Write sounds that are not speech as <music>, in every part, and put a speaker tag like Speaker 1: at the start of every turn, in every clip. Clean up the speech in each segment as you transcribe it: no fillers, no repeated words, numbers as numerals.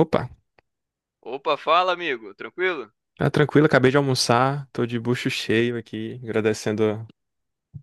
Speaker 1: Opa,
Speaker 2: Opa, fala, amigo. Tranquilo?
Speaker 1: tá tranquilo, acabei de almoçar, tô de bucho cheio aqui, agradecendo,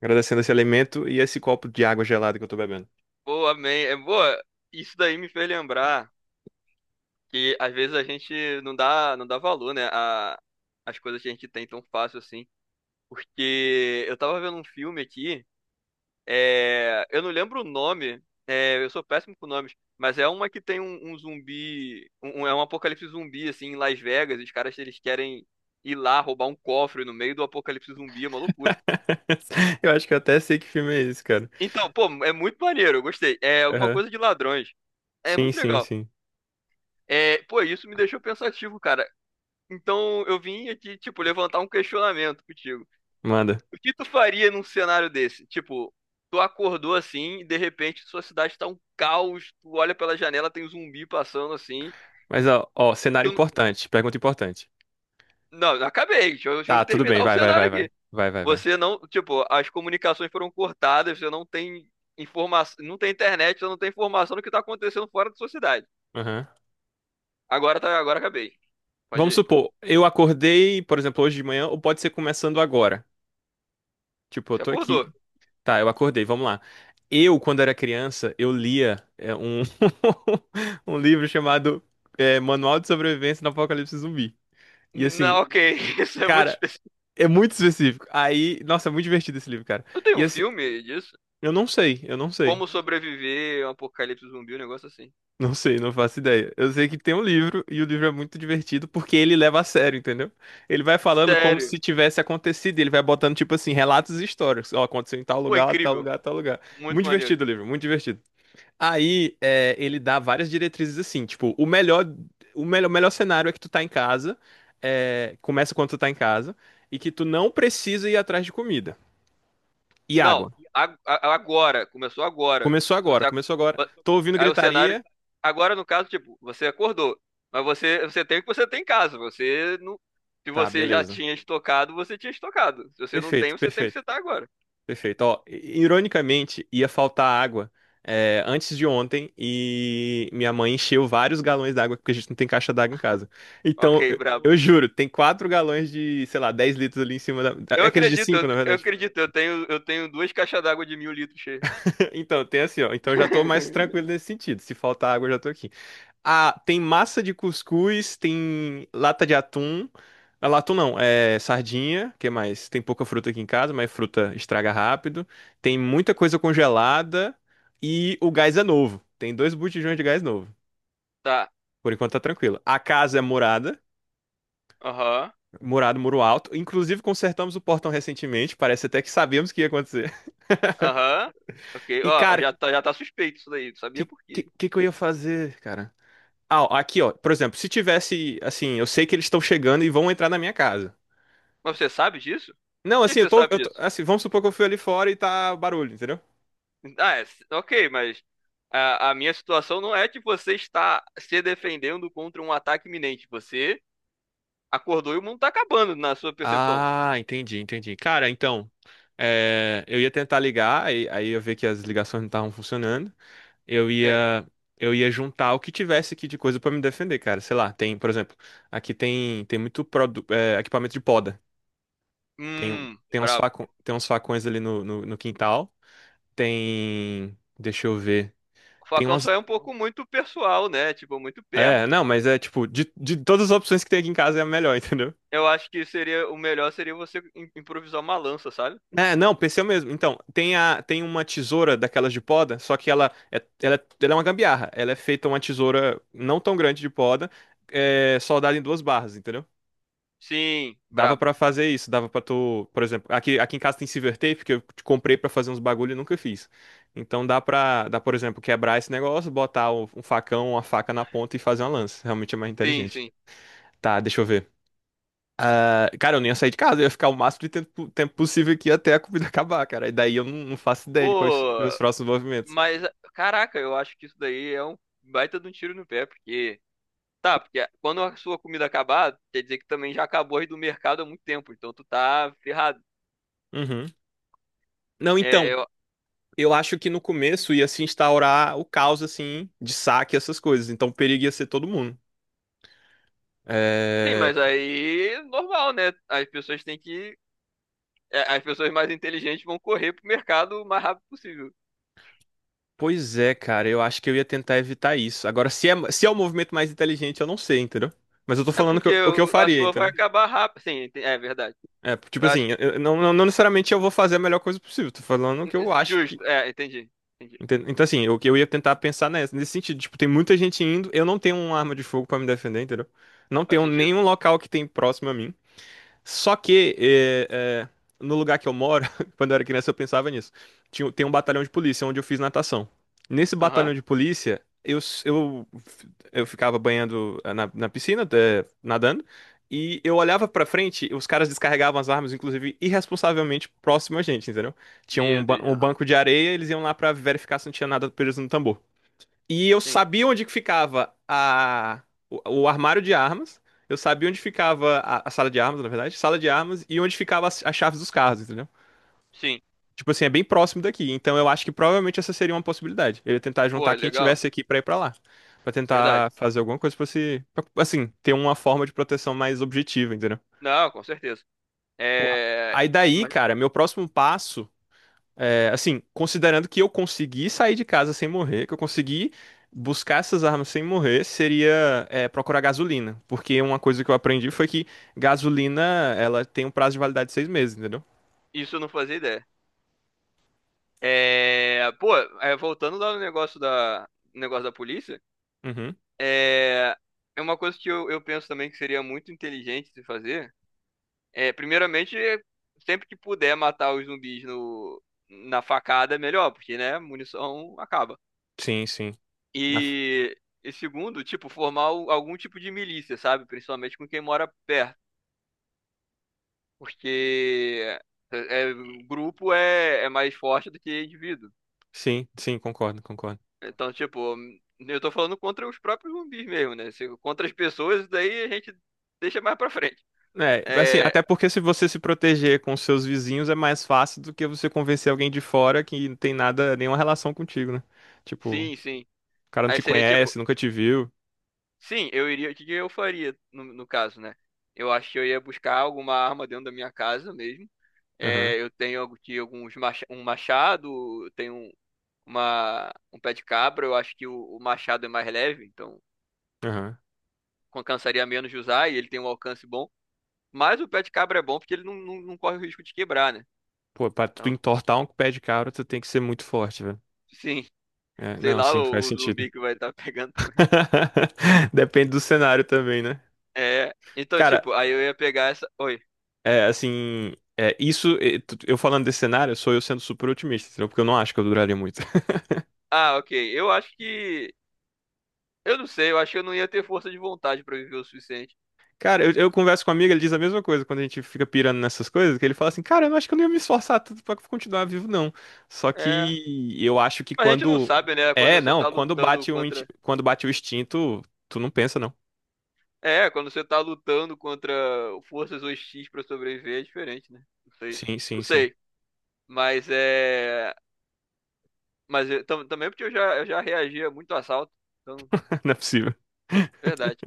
Speaker 1: agradecendo esse alimento e esse copo de água gelada que eu tô bebendo.
Speaker 2: Boa, amém. É boa. Isso daí me fez lembrar que às vezes a gente não dá, não dá valor, né, a as coisas que a gente tem tão fácil assim. Porque eu tava vendo um filme aqui, eu não lembro o nome, eu sou péssimo com nomes, mas é uma que tem um zumbi, é um apocalipse zumbi assim em Las Vegas, e os caras eles querem ir lá roubar um cofre no meio do apocalipse zumbi, é uma loucura.
Speaker 1: <laughs> Eu acho que eu até sei que filme é esse, cara.
Speaker 2: Então, pô, é muito maneiro, eu gostei. É alguma
Speaker 1: Aham.
Speaker 2: coisa de ladrões. É
Speaker 1: Sim,
Speaker 2: muito
Speaker 1: sim,
Speaker 2: legal.
Speaker 1: sim.
Speaker 2: É, pô, isso me deixou pensativo, cara. Então eu vim aqui, tipo, levantar um questionamento contigo.
Speaker 1: Manda.
Speaker 2: O que tu faria num cenário desse? Tipo, tu acordou assim e de repente sua cidade tá um caos, tu olha pela janela, tem um zumbi passando assim.
Speaker 1: Mas ó, ó, cenário
Speaker 2: Tu... n-
Speaker 1: importante, pergunta importante.
Speaker 2: Não, não acabei, deixa eu
Speaker 1: Tá, tudo bem,
Speaker 2: terminar o
Speaker 1: vai, vai,
Speaker 2: cenário
Speaker 1: vai, vai.
Speaker 2: aqui.
Speaker 1: Vai, vai, vai.
Speaker 2: Você não, tipo, as comunicações foram cortadas, você não tem informação, não tem internet, você não tem informação do que tá acontecendo fora da sua cidade.
Speaker 1: Aham.
Speaker 2: Agora acabei. Pode
Speaker 1: Vamos
Speaker 2: ir.
Speaker 1: supor, eu acordei, por exemplo, hoje de manhã, ou pode ser começando agora. Tipo, eu
Speaker 2: Você
Speaker 1: tô aqui.
Speaker 2: acordou.
Speaker 1: Tá, eu acordei, vamos lá. Quando era criança, eu lia um, <laughs> um livro chamado Manual de Sobrevivência no Apocalipse Zumbi. E assim,
Speaker 2: Não, ok, <laughs> isso é muito
Speaker 1: cara,
Speaker 2: específico.
Speaker 1: é muito específico. Aí, nossa, é muito divertido esse livro, cara.
Speaker 2: Não tem
Speaker 1: E
Speaker 2: um
Speaker 1: assim,
Speaker 2: filme disso?
Speaker 1: eu não sei.
Speaker 2: Como sobreviver a um apocalipse zumbi, um negócio assim.
Speaker 1: Não sei, não faço ideia. Eu sei que tem um livro e o livro é muito divertido porque ele leva a sério, entendeu? Ele vai falando como
Speaker 2: Sério.
Speaker 1: se tivesse acontecido, ele vai botando tipo assim, relatos e histórias. Ó, aconteceu em tal
Speaker 2: Pô,
Speaker 1: lugar, tal
Speaker 2: incrível.
Speaker 1: lugar, tal lugar.
Speaker 2: Muito
Speaker 1: Muito
Speaker 2: maneiro.
Speaker 1: divertido o livro, muito divertido. Aí, é, ele dá várias diretrizes assim, tipo, o melhor cenário é que tu tá em casa, começa quando tu tá em casa e que tu não precisa ir atrás de comida e
Speaker 2: Não,
Speaker 1: água.
Speaker 2: agora. Começou agora.
Speaker 1: Começou agora,
Speaker 2: Você, ac-
Speaker 1: começou agora. Tô ouvindo
Speaker 2: aí o cenário.
Speaker 1: gritaria.
Speaker 2: Agora, no caso, tipo, você acordou. Mas você tem o que você tem em casa. Você não, se
Speaker 1: Tá,
Speaker 2: você já
Speaker 1: beleza.
Speaker 2: tinha estocado, você tinha estocado. Se você não tem,
Speaker 1: Perfeito,
Speaker 2: você tem o que
Speaker 1: perfeito.
Speaker 2: você tá agora.
Speaker 1: Perfeito. Ó, ironicamente, ia faltar água antes de ontem e minha mãe encheu vários galões d'água porque a gente não tem caixa d'água em casa.
Speaker 2: Ok,
Speaker 1: Então, eu,
Speaker 2: brabo.
Speaker 1: eu juro, tem quatro galões de, sei lá, 10 litros ali em cima
Speaker 2: Eu
Speaker 1: aqueles de
Speaker 2: acredito,
Speaker 1: cinco,
Speaker 2: eu,
Speaker 1: na
Speaker 2: eu
Speaker 1: verdade.
Speaker 2: acredito. Eu tenho duas caixas d'água de 1.000 litros cheias.
Speaker 1: <laughs> Então, tem assim, ó. Então, eu já tô mais tranquilo
Speaker 2: <laughs>
Speaker 1: nesse sentido. Se faltar água, eu já tô aqui. Ah, tem massa de cuscuz, tem lata de atum. Ah, atum não, é sardinha, que é mais? Tem pouca fruta aqui em casa, mas fruta estraga rápido. Tem muita coisa congelada e o gás é novo. Tem dois botijões de gás novo.
Speaker 2: Tá.
Speaker 1: Por enquanto tá tranquilo. A casa é
Speaker 2: Aham.
Speaker 1: murado, muro alto. Inclusive consertamos o portão recentemente, parece até que sabíamos que ia acontecer. <laughs>
Speaker 2: Aham. Ok.
Speaker 1: E
Speaker 2: Ó,
Speaker 1: cara,
Speaker 2: já tá suspeito isso daí. Não sabia
Speaker 1: que
Speaker 2: por
Speaker 1: que,
Speaker 2: quê.
Speaker 1: que que eu ia fazer, cara? Ah, ó, aqui ó, por exemplo, se tivesse assim, eu sei que eles estão chegando e vão entrar na minha casa.
Speaker 2: Mas você sabe disso?
Speaker 1: Não,
Speaker 2: Por que
Speaker 1: assim,
Speaker 2: que você sabe disso?
Speaker 1: Assim, vamos supor que eu fui ali fora e tá barulho, entendeu?
Speaker 2: Ah, ok, mas a minha situação não é de você estar se defendendo contra um ataque iminente. Você acordou e o mundo tá acabando, na sua percepção.
Speaker 1: Ah, entendi, entendi. Cara, então, eu ia tentar ligar, aí eu ver que as ligações não estavam funcionando. Eu
Speaker 2: É.
Speaker 1: ia, eu ia juntar o que tivesse aqui de coisa pra me defender, cara. Sei lá, tem, por exemplo, aqui tem, tem muito equipamento de poda. Tem, tem uns
Speaker 2: Brabo.
Speaker 1: facão, tem uns facões ali no quintal. Tem, deixa eu ver.
Speaker 2: O
Speaker 1: Tem
Speaker 2: facão só
Speaker 1: umas,
Speaker 2: é um pouco muito pessoal, né? Tipo, muito
Speaker 1: é,
Speaker 2: perto.
Speaker 1: não, mas é tipo, de todas as opções que tem aqui em casa é a melhor, <laughs> entendeu?
Speaker 2: Eu acho que seria o melhor seria você improvisar uma lança, sabe?
Speaker 1: É, não, PC mesmo. Então, tem, a, tem uma tesoura daquelas de poda, só que ela é uma gambiarra. Ela é feita uma tesoura não tão grande de poda, soldada em duas barras, entendeu?
Speaker 2: Sim,
Speaker 1: Dava
Speaker 2: brabo.
Speaker 1: pra fazer isso, dava pra tu, por exemplo, aqui, aqui em casa tem silver tape que eu comprei pra fazer uns bagulho e nunca fiz. Então por exemplo, quebrar esse negócio, botar um facão, uma faca na ponta e fazer uma lança. Realmente é mais
Speaker 2: Sim,
Speaker 1: inteligente.
Speaker 2: sim.
Speaker 1: Tá, deixa eu ver. Ah, cara, eu nem ia sair de casa, eu ia ficar o máximo de tempo possível aqui até a comida <laughs> acabar, cara. E daí eu não faço ideia de quais os meus
Speaker 2: Pô.
Speaker 1: próximos movimentos.
Speaker 2: Mas, caraca, eu acho que isso daí é um baita de um tiro no pé, porque. Tá, porque quando a sua comida acabar, quer dizer que também já acabou aí do mercado há muito tempo, então tu tá ferrado.
Speaker 1: Uhum. Não,
Speaker 2: É,
Speaker 1: então,
Speaker 2: eu...
Speaker 1: eu acho que no começo ia se instaurar o caos, assim, de saque e essas coisas. Então o perigo ia ser todo mundo.
Speaker 2: Sim,
Speaker 1: É,
Speaker 2: mas aí normal, né? As pessoas têm que. As pessoas mais inteligentes vão correr pro mercado o mais rápido possível.
Speaker 1: pois é, cara, eu acho que eu ia tentar evitar isso. Agora, se é o movimento mais inteligente, eu não sei, entendeu? Mas eu tô
Speaker 2: É
Speaker 1: falando
Speaker 2: porque
Speaker 1: o que eu
Speaker 2: a
Speaker 1: faria,
Speaker 2: sua vai
Speaker 1: entendeu?
Speaker 2: acabar rápido. Sim, é verdade.
Speaker 1: É, tipo
Speaker 2: Eu acho
Speaker 1: assim,
Speaker 2: que.
Speaker 1: eu não, não não necessariamente eu vou fazer a melhor coisa possível. Tô falando o que eu acho que,
Speaker 2: Justo, entendi. Entendi.
Speaker 1: Então, assim, o que eu ia tentar pensar nesse sentido, tipo, tem muita gente indo, eu não tenho uma arma de fogo pra me defender, entendeu? Não
Speaker 2: Faz
Speaker 1: tenho
Speaker 2: sentido.
Speaker 1: nenhum local que tem próximo a mim. Só que no lugar que eu moro, <laughs> quando eu era criança, eu pensava nisso. Tem um batalhão de polícia onde eu fiz natação. Nesse
Speaker 2: Aham.
Speaker 1: batalhão de polícia, eu ficava banhando na piscina, nadando, e eu olhava pra frente, os caras descarregavam as armas, inclusive irresponsavelmente próximo a gente, entendeu? Tinha um,
Speaker 2: Meu Deus,
Speaker 1: um
Speaker 2: aham.
Speaker 1: banco de areia, eles iam lá pra verificar se não tinha nada preso no tambor. E eu
Speaker 2: Sim,
Speaker 1: sabia onde que ficava o armário de armas. Eu sabia onde ficava a sala de armas, na verdade. Sala de armas e onde ficava as chaves dos carros, entendeu?
Speaker 2: sim.
Speaker 1: Tipo assim, é bem próximo daqui. Então eu acho que provavelmente essa seria uma possibilidade. Eu ia tentar
Speaker 2: Pô,
Speaker 1: juntar quem
Speaker 2: legal.
Speaker 1: tivesse aqui pra ir pra lá. Pra tentar
Speaker 2: Verdade.
Speaker 1: fazer alguma coisa pra se. Pra, assim, ter uma forma de proteção mais objetiva, entendeu?
Speaker 2: Não, com certeza.
Speaker 1: Pô,
Speaker 2: É,
Speaker 1: aí daí,
Speaker 2: mas
Speaker 1: cara, meu próximo passo. É, assim, considerando que eu consegui sair de casa sem morrer, que eu consegui buscar essas armas sem morrer, seria procurar gasolina. Porque uma coisa que eu aprendi foi que gasolina, ela tem um prazo de validade de seis meses, entendeu?
Speaker 2: isso eu não fazia ideia. É, pô, voltando lá no negócio da, polícia,
Speaker 1: Uhum.
Speaker 2: é, é uma coisa que eu penso também que seria muito inteligente de fazer. Primeiramente, sempre que puder matar os zumbis no, na facada, é melhor, porque, né, munição acaba.
Speaker 1: Sim, sim. Na f-
Speaker 2: E, e segundo, tipo, formar algum tipo de milícia, sabe? Principalmente com quem mora perto. Porque é, é- grupo é mais forte do que indivíduo.
Speaker 1: Sim, sim, concordo, concordo.
Speaker 2: Então, tipo, eu tô falando contra os próprios zumbis mesmo, né? Contra as pessoas, isso daí a gente deixa mais pra frente.
Speaker 1: É, assim,
Speaker 2: É,
Speaker 1: até porque se você se proteger com seus vizinhos é mais fácil do que você convencer alguém de fora que não tem nada, nenhuma relação contigo, né? Tipo, o
Speaker 2: sim, sim.
Speaker 1: cara não
Speaker 2: Aí
Speaker 1: te
Speaker 2: seria tipo,
Speaker 1: conhece, nunca te viu.
Speaker 2: sim, eu iria. O que que eu faria no caso, né? Eu acho que eu ia buscar alguma arma dentro da minha casa mesmo.
Speaker 1: Aham,
Speaker 2: É, eu tenho aqui um machado, eu tenho um pé de cabra. Eu acho que o machado é mais leve, então.
Speaker 1: aham.
Speaker 2: Cansaria menos de usar e ele tem um alcance bom. Mas o pé de cabra é bom porque ele não, não, não corre o risco de quebrar, né?
Speaker 1: Pô, pra tu
Speaker 2: Então,
Speaker 1: entortar um pé de cabra, tu tem que ser muito forte, velho.
Speaker 2: <laughs> sim,
Speaker 1: É,
Speaker 2: sei
Speaker 1: não,
Speaker 2: lá
Speaker 1: sim,
Speaker 2: o,
Speaker 1: faz
Speaker 2: o
Speaker 1: sentido.
Speaker 2: zumbi que vai estar <laughs> pegando também.
Speaker 1: <laughs> Depende do cenário também, né?
Speaker 2: É, então,
Speaker 1: Cara,
Speaker 2: tipo, aí eu ia pegar essa. Oi.
Speaker 1: é assim. É, isso, é, eu falando desse cenário, sou eu sendo super otimista, entendeu? Porque eu não acho que eu duraria muito. <laughs>
Speaker 2: Ah, ok. Eu acho que. Eu não sei, eu acho que eu não ia ter força de vontade pra viver o suficiente.
Speaker 1: Cara, eu converso com um amigo, ele diz a mesma coisa quando a gente fica pirando nessas coisas, que ele fala assim, cara, eu não acho que eu não ia me esforçar tanto pra continuar vivo, não. Só
Speaker 2: É.
Speaker 1: que eu acho que
Speaker 2: Mas a gente não
Speaker 1: quando.
Speaker 2: sabe, né?
Speaker 1: É,
Speaker 2: Quando você
Speaker 1: não,
Speaker 2: tá
Speaker 1: quando
Speaker 2: lutando
Speaker 1: bate um,
Speaker 2: contra.
Speaker 1: quando bate o instinto, tu não pensa, não.
Speaker 2: É, quando você tá lutando contra forças hostis pra sobreviver, é diferente, né? Não sei.
Speaker 1: Sim,
Speaker 2: Não
Speaker 1: sim, sim.
Speaker 2: sei. Mas é. Mas eu também porque eu já, reagia muito a assalto. Então,
Speaker 1: <laughs> Não é possível.
Speaker 2: verdade.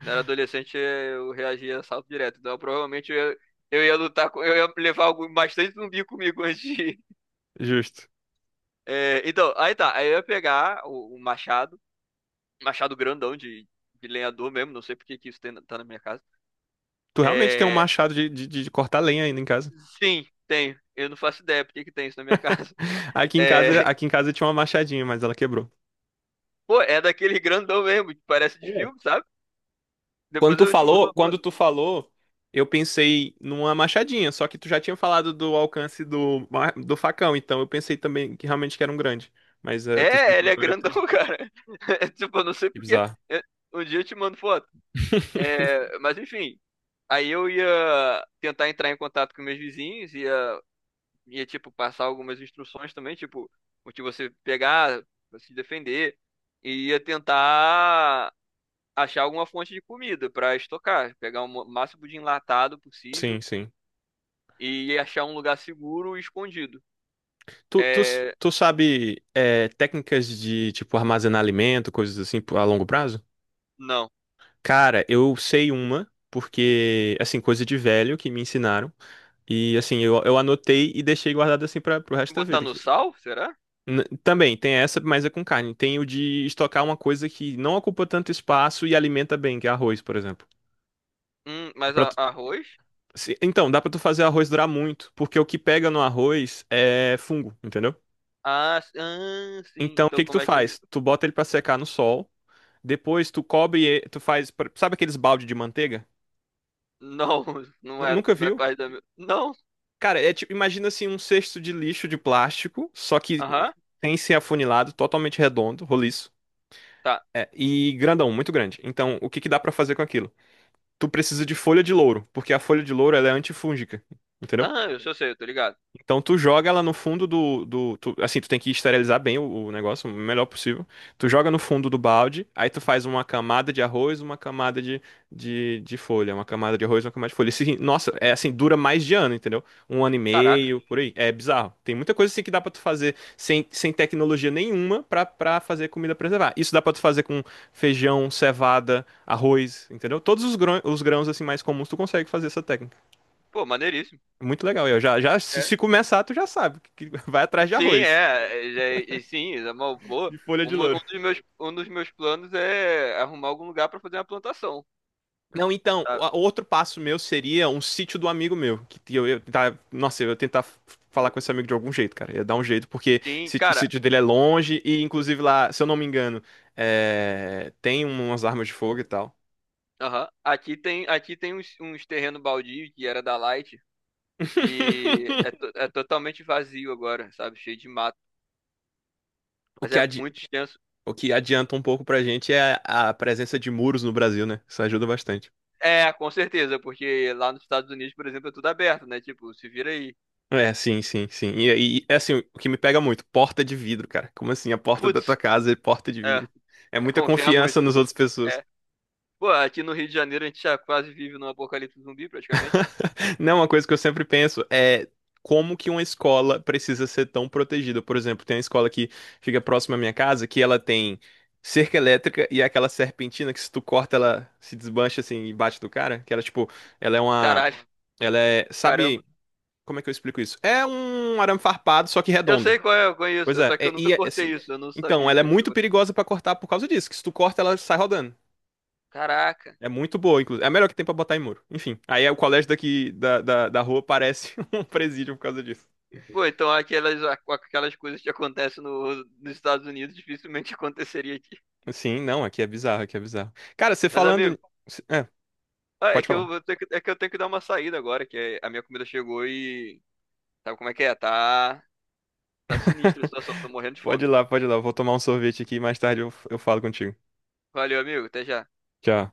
Speaker 2: Quando eu era adolescente, eu reagia a assalto direto. Então, provavelmente eu ia lutar com. Eu ia levar algo bastante zumbi comigo <laughs> antes de ir.
Speaker 1: Justo.
Speaker 2: É, então, aí tá. Aí eu ia pegar o machado. Machado grandão de lenhador mesmo. Não sei por que que isso tá na minha casa.
Speaker 1: Tu realmente tem um
Speaker 2: É,
Speaker 1: machado de cortar lenha ainda em casa.
Speaker 2: sim, tem. Eu não faço ideia por que que tem isso na minha casa.
Speaker 1: <laughs>
Speaker 2: É, <laughs>
Speaker 1: Aqui em casa tinha uma machadinha, mas ela quebrou.
Speaker 2: pô, é daquele grandão mesmo, que parece de
Speaker 1: É.
Speaker 2: filme, sabe? Depois eu te mando.
Speaker 1: Quando tu falou, eu pensei numa machadinha, só que tu já tinha falado do alcance do, do facão, então eu pensei também que realmente que era um grande. Mas tu
Speaker 2: É,
Speaker 1: explicou
Speaker 2: ele é
Speaker 1: agora
Speaker 2: grandão,
Speaker 1: teu.
Speaker 2: <laughs> cara. É, tipo, eu não sei
Speaker 1: Que
Speaker 2: porque.
Speaker 1: bizarro.
Speaker 2: é, Um dia eu te mando foto.
Speaker 1: <laughs>
Speaker 2: É, mas enfim, aí eu ia tentar entrar em contato com meus vizinhos, ia tipo, passar algumas instruções também, tipo, o que você pegar, pra se defender, e ia tentar achar alguma fonte de comida pra estocar, pegar o máximo de enlatado
Speaker 1: Sim,
Speaker 2: possível
Speaker 1: sim.
Speaker 2: e ia achar um lugar seguro e escondido.
Speaker 1: Tu, tu,
Speaker 2: É,
Speaker 1: tu sabe técnicas de, tipo, armazenar alimento, coisas assim, a longo prazo?
Speaker 2: não.
Speaker 1: Cara, eu sei uma, porque, assim, coisa de velho que me ensinaram. E, assim, eu anotei e deixei guardado, assim, para pro resto da
Speaker 2: Botar
Speaker 1: vida
Speaker 2: no
Speaker 1: aqui.
Speaker 2: sal, será?
Speaker 1: Também, tem essa, mas é com carne. Tem o de estocar uma coisa que não ocupa tanto espaço e alimenta bem, que é arroz, por exemplo. E
Speaker 2: Mas
Speaker 1: pra
Speaker 2: arroz?
Speaker 1: então, dá pra tu fazer arroz durar muito, porque o que pega no arroz é fungo, entendeu?
Speaker 2: Ah, sim.
Speaker 1: Então, o
Speaker 2: Então
Speaker 1: que que tu
Speaker 2: como é que.
Speaker 1: faz? Tu bota ele pra secar no sol, depois tu cobre, tu faz, sabe aqueles balde de manteiga?
Speaker 2: Não, <laughs> não é,
Speaker 1: Nunca
Speaker 2: não é
Speaker 1: viu?
Speaker 2: parte da minha. Não.
Speaker 1: Cara, é tipo, imagina assim um cesto de lixo de plástico, só que
Speaker 2: Aham.
Speaker 1: sem ser afunilado, totalmente redondo, roliço.
Speaker 2: Tá.
Speaker 1: É, e grandão, muito grande. Então, o que que dá pra fazer com aquilo? Tu precisa de folha de louro, porque a folha de louro ela é antifúngica, entendeu?
Speaker 2: Ah, eu só sei, eu tô ligado.
Speaker 1: Então tu joga ela no fundo assim, tu tem que esterilizar bem o negócio, o melhor possível. Tu joga no fundo do balde, aí tu faz uma camada de arroz, uma camada de folha, uma camada de arroz, uma camada de folha. Assim, nossa, é assim, dura mais de ano, entendeu? Um ano e
Speaker 2: Caraca.
Speaker 1: meio, por aí. É bizarro. Tem muita coisa assim que dá pra tu fazer sem tecnologia nenhuma pra fazer comida preservar. Isso dá pra tu fazer com feijão, cevada, arroz, entendeu? Todos os grãos assim mais comuns tu consegue fazer essa técnica.
Speaker 2: Pô, maneiríssimo.
Speaker 1: Muito legal. Eu já, já, se,
Speaker 2: É.
Speaker 1: se começar, tu já sabe que <laughs> vai atrás de
Speaker 2: Sim, é.
Speaker 1: arroz
Speaker 2: E sim, é uma boa.
Speaker 1: e folha
Speaker 2: Um,
Speaker 1: de
Speaker 2: um
Speaker 1: louro.
Speaker 2: dos meus, um dos meus planos é arrumar algum lugar pra fazer uma plantação,
Speaker 1: Não, então,
Speaker 2: sabe?
Speaker 1: outro passo meu seria um sítio do amigo meu. Que eu, eu ia tentar falar com esse amigo de algum jeito, cara. Ia dar um jeito, porque
Speaker 2: Sim,
Speaker 1: o
Speaker 2: cara.
Speaker 1: sítio dele é longe e, inclusive, lá, se eu não me engano, tem umas armas de fogo e tal.
Speaker 2: Aham. Aqui tem uns terreno baldio que era da Light. E é,
Speaker 1: <laughs>
Speaker 2: to- é totalmente vazio agora, sabe? Cheio de mato.
Speaker 1: O
Speaker 2: Mas
Speaker 1: que,
Speaker 2: é
Speaker 1: adi-
Speaker 2: muito extenso.
Speaker 1: o que adianta um pouco pra gente é a presença de muros no Brasil, né? Isso ajuda bastante.
Speaker 2: É, com certeza, porque lá nos Estados Unidos, por exemplo, é tudo aberto, né? Tipo, se vira aí.
Speaker 1: É, sim, sim, sim. E é assim, o que me pega muito, porta de vidro, cara. Como assim, a porta da tua
Speaker 2: Putz,
Speaker 1: casa é porta de
Speaker 2: é,
Speaker 1: vidro? É
Speaker 2: é
Speaker 1: muita
Speaker 2: confiar
Speaker 1: confiança
Speaker 2: muito.
Speaker 1: nas outras pessoas.
Speaker 2: É. Pô, aqui no Rio de Janeiro a gente já quase vive num apocalipse zumbi, praticamente.
Speaker 1: Não, uma coisa que eu sempre penso é como que uma escola precisa ser tão protegida. Por exemplo, tem uma escola que fica próxima à minha casa que ela tem cerca elétrica e é aquela serpentina que se tu corta ela se desmancha assim e bate do cara, que ela tipo, ela é uma,
Speaker 2: Caralho,
Speaker 1: ela é,
Speaker 2: caramba.
Speaker 1: sabe, como é que eu explico isso? É um arame farpado, só que
Speaker 2: Eu
Speaker 1: redondo.
Speaker 2: sei qual é, eu conheço,
Speaker 1: Pois é,
Speaker 2: só que eu nunca
Speaker 1: e é, assim.
Speaker 2: cortei isso, eu não
Speaker 1: Então,
Speaker 2: sabia
Speaker 1: ela
Speaker 2: que
Speaker 1: é
Speaker 2: ia
Speaker 1: muito
Speaker 2: acontecer.
Speaker 1: perigosa pra cortar por causa disso, que se tu corta, ela sai rodando.
Speaker 2: Caraca.
Speaker 1: É muito boa, inclusive. É a melhor que tem pra botar em muro. Enfim, aí é o colégio daqui da rua parece <laughs> um presídio por causa disso.
Speaker 2: Pô, então aquelas, coisas que acontecem no, nos Estados Unidos dificilmente <laughs> aconteceria aqui.
Speaker 1: Sim, não, aqui é bizarro, aqui é bizarro. Cara, você
Speaker 2: Mas,
Speaker 1: falando.
Speaker 2: amigo,
Speaker 1: É,
Speaker 2: ah, é
Speaker 1: pode
Speaker 2: que eu
Speaker 1: falar.
Speaker 2: vou ter que, é que eu tenho que dar uma saída agora, que a minha comida chegou e. Sabe como é que é? Tá. Tá sinistra a
Speaker 1: <laughs>
Speaker 2: situação, tô morrendo de
Speaker 1: Pode
Speaker 2: fome.
Speaker 1: ir lá, pode ir lá. Eu vou tomar um sorvete aqui e mais tarde eu falo contigo.
Speaker 2: Valeu, amigo, até já.
Speaker 1: Tchau.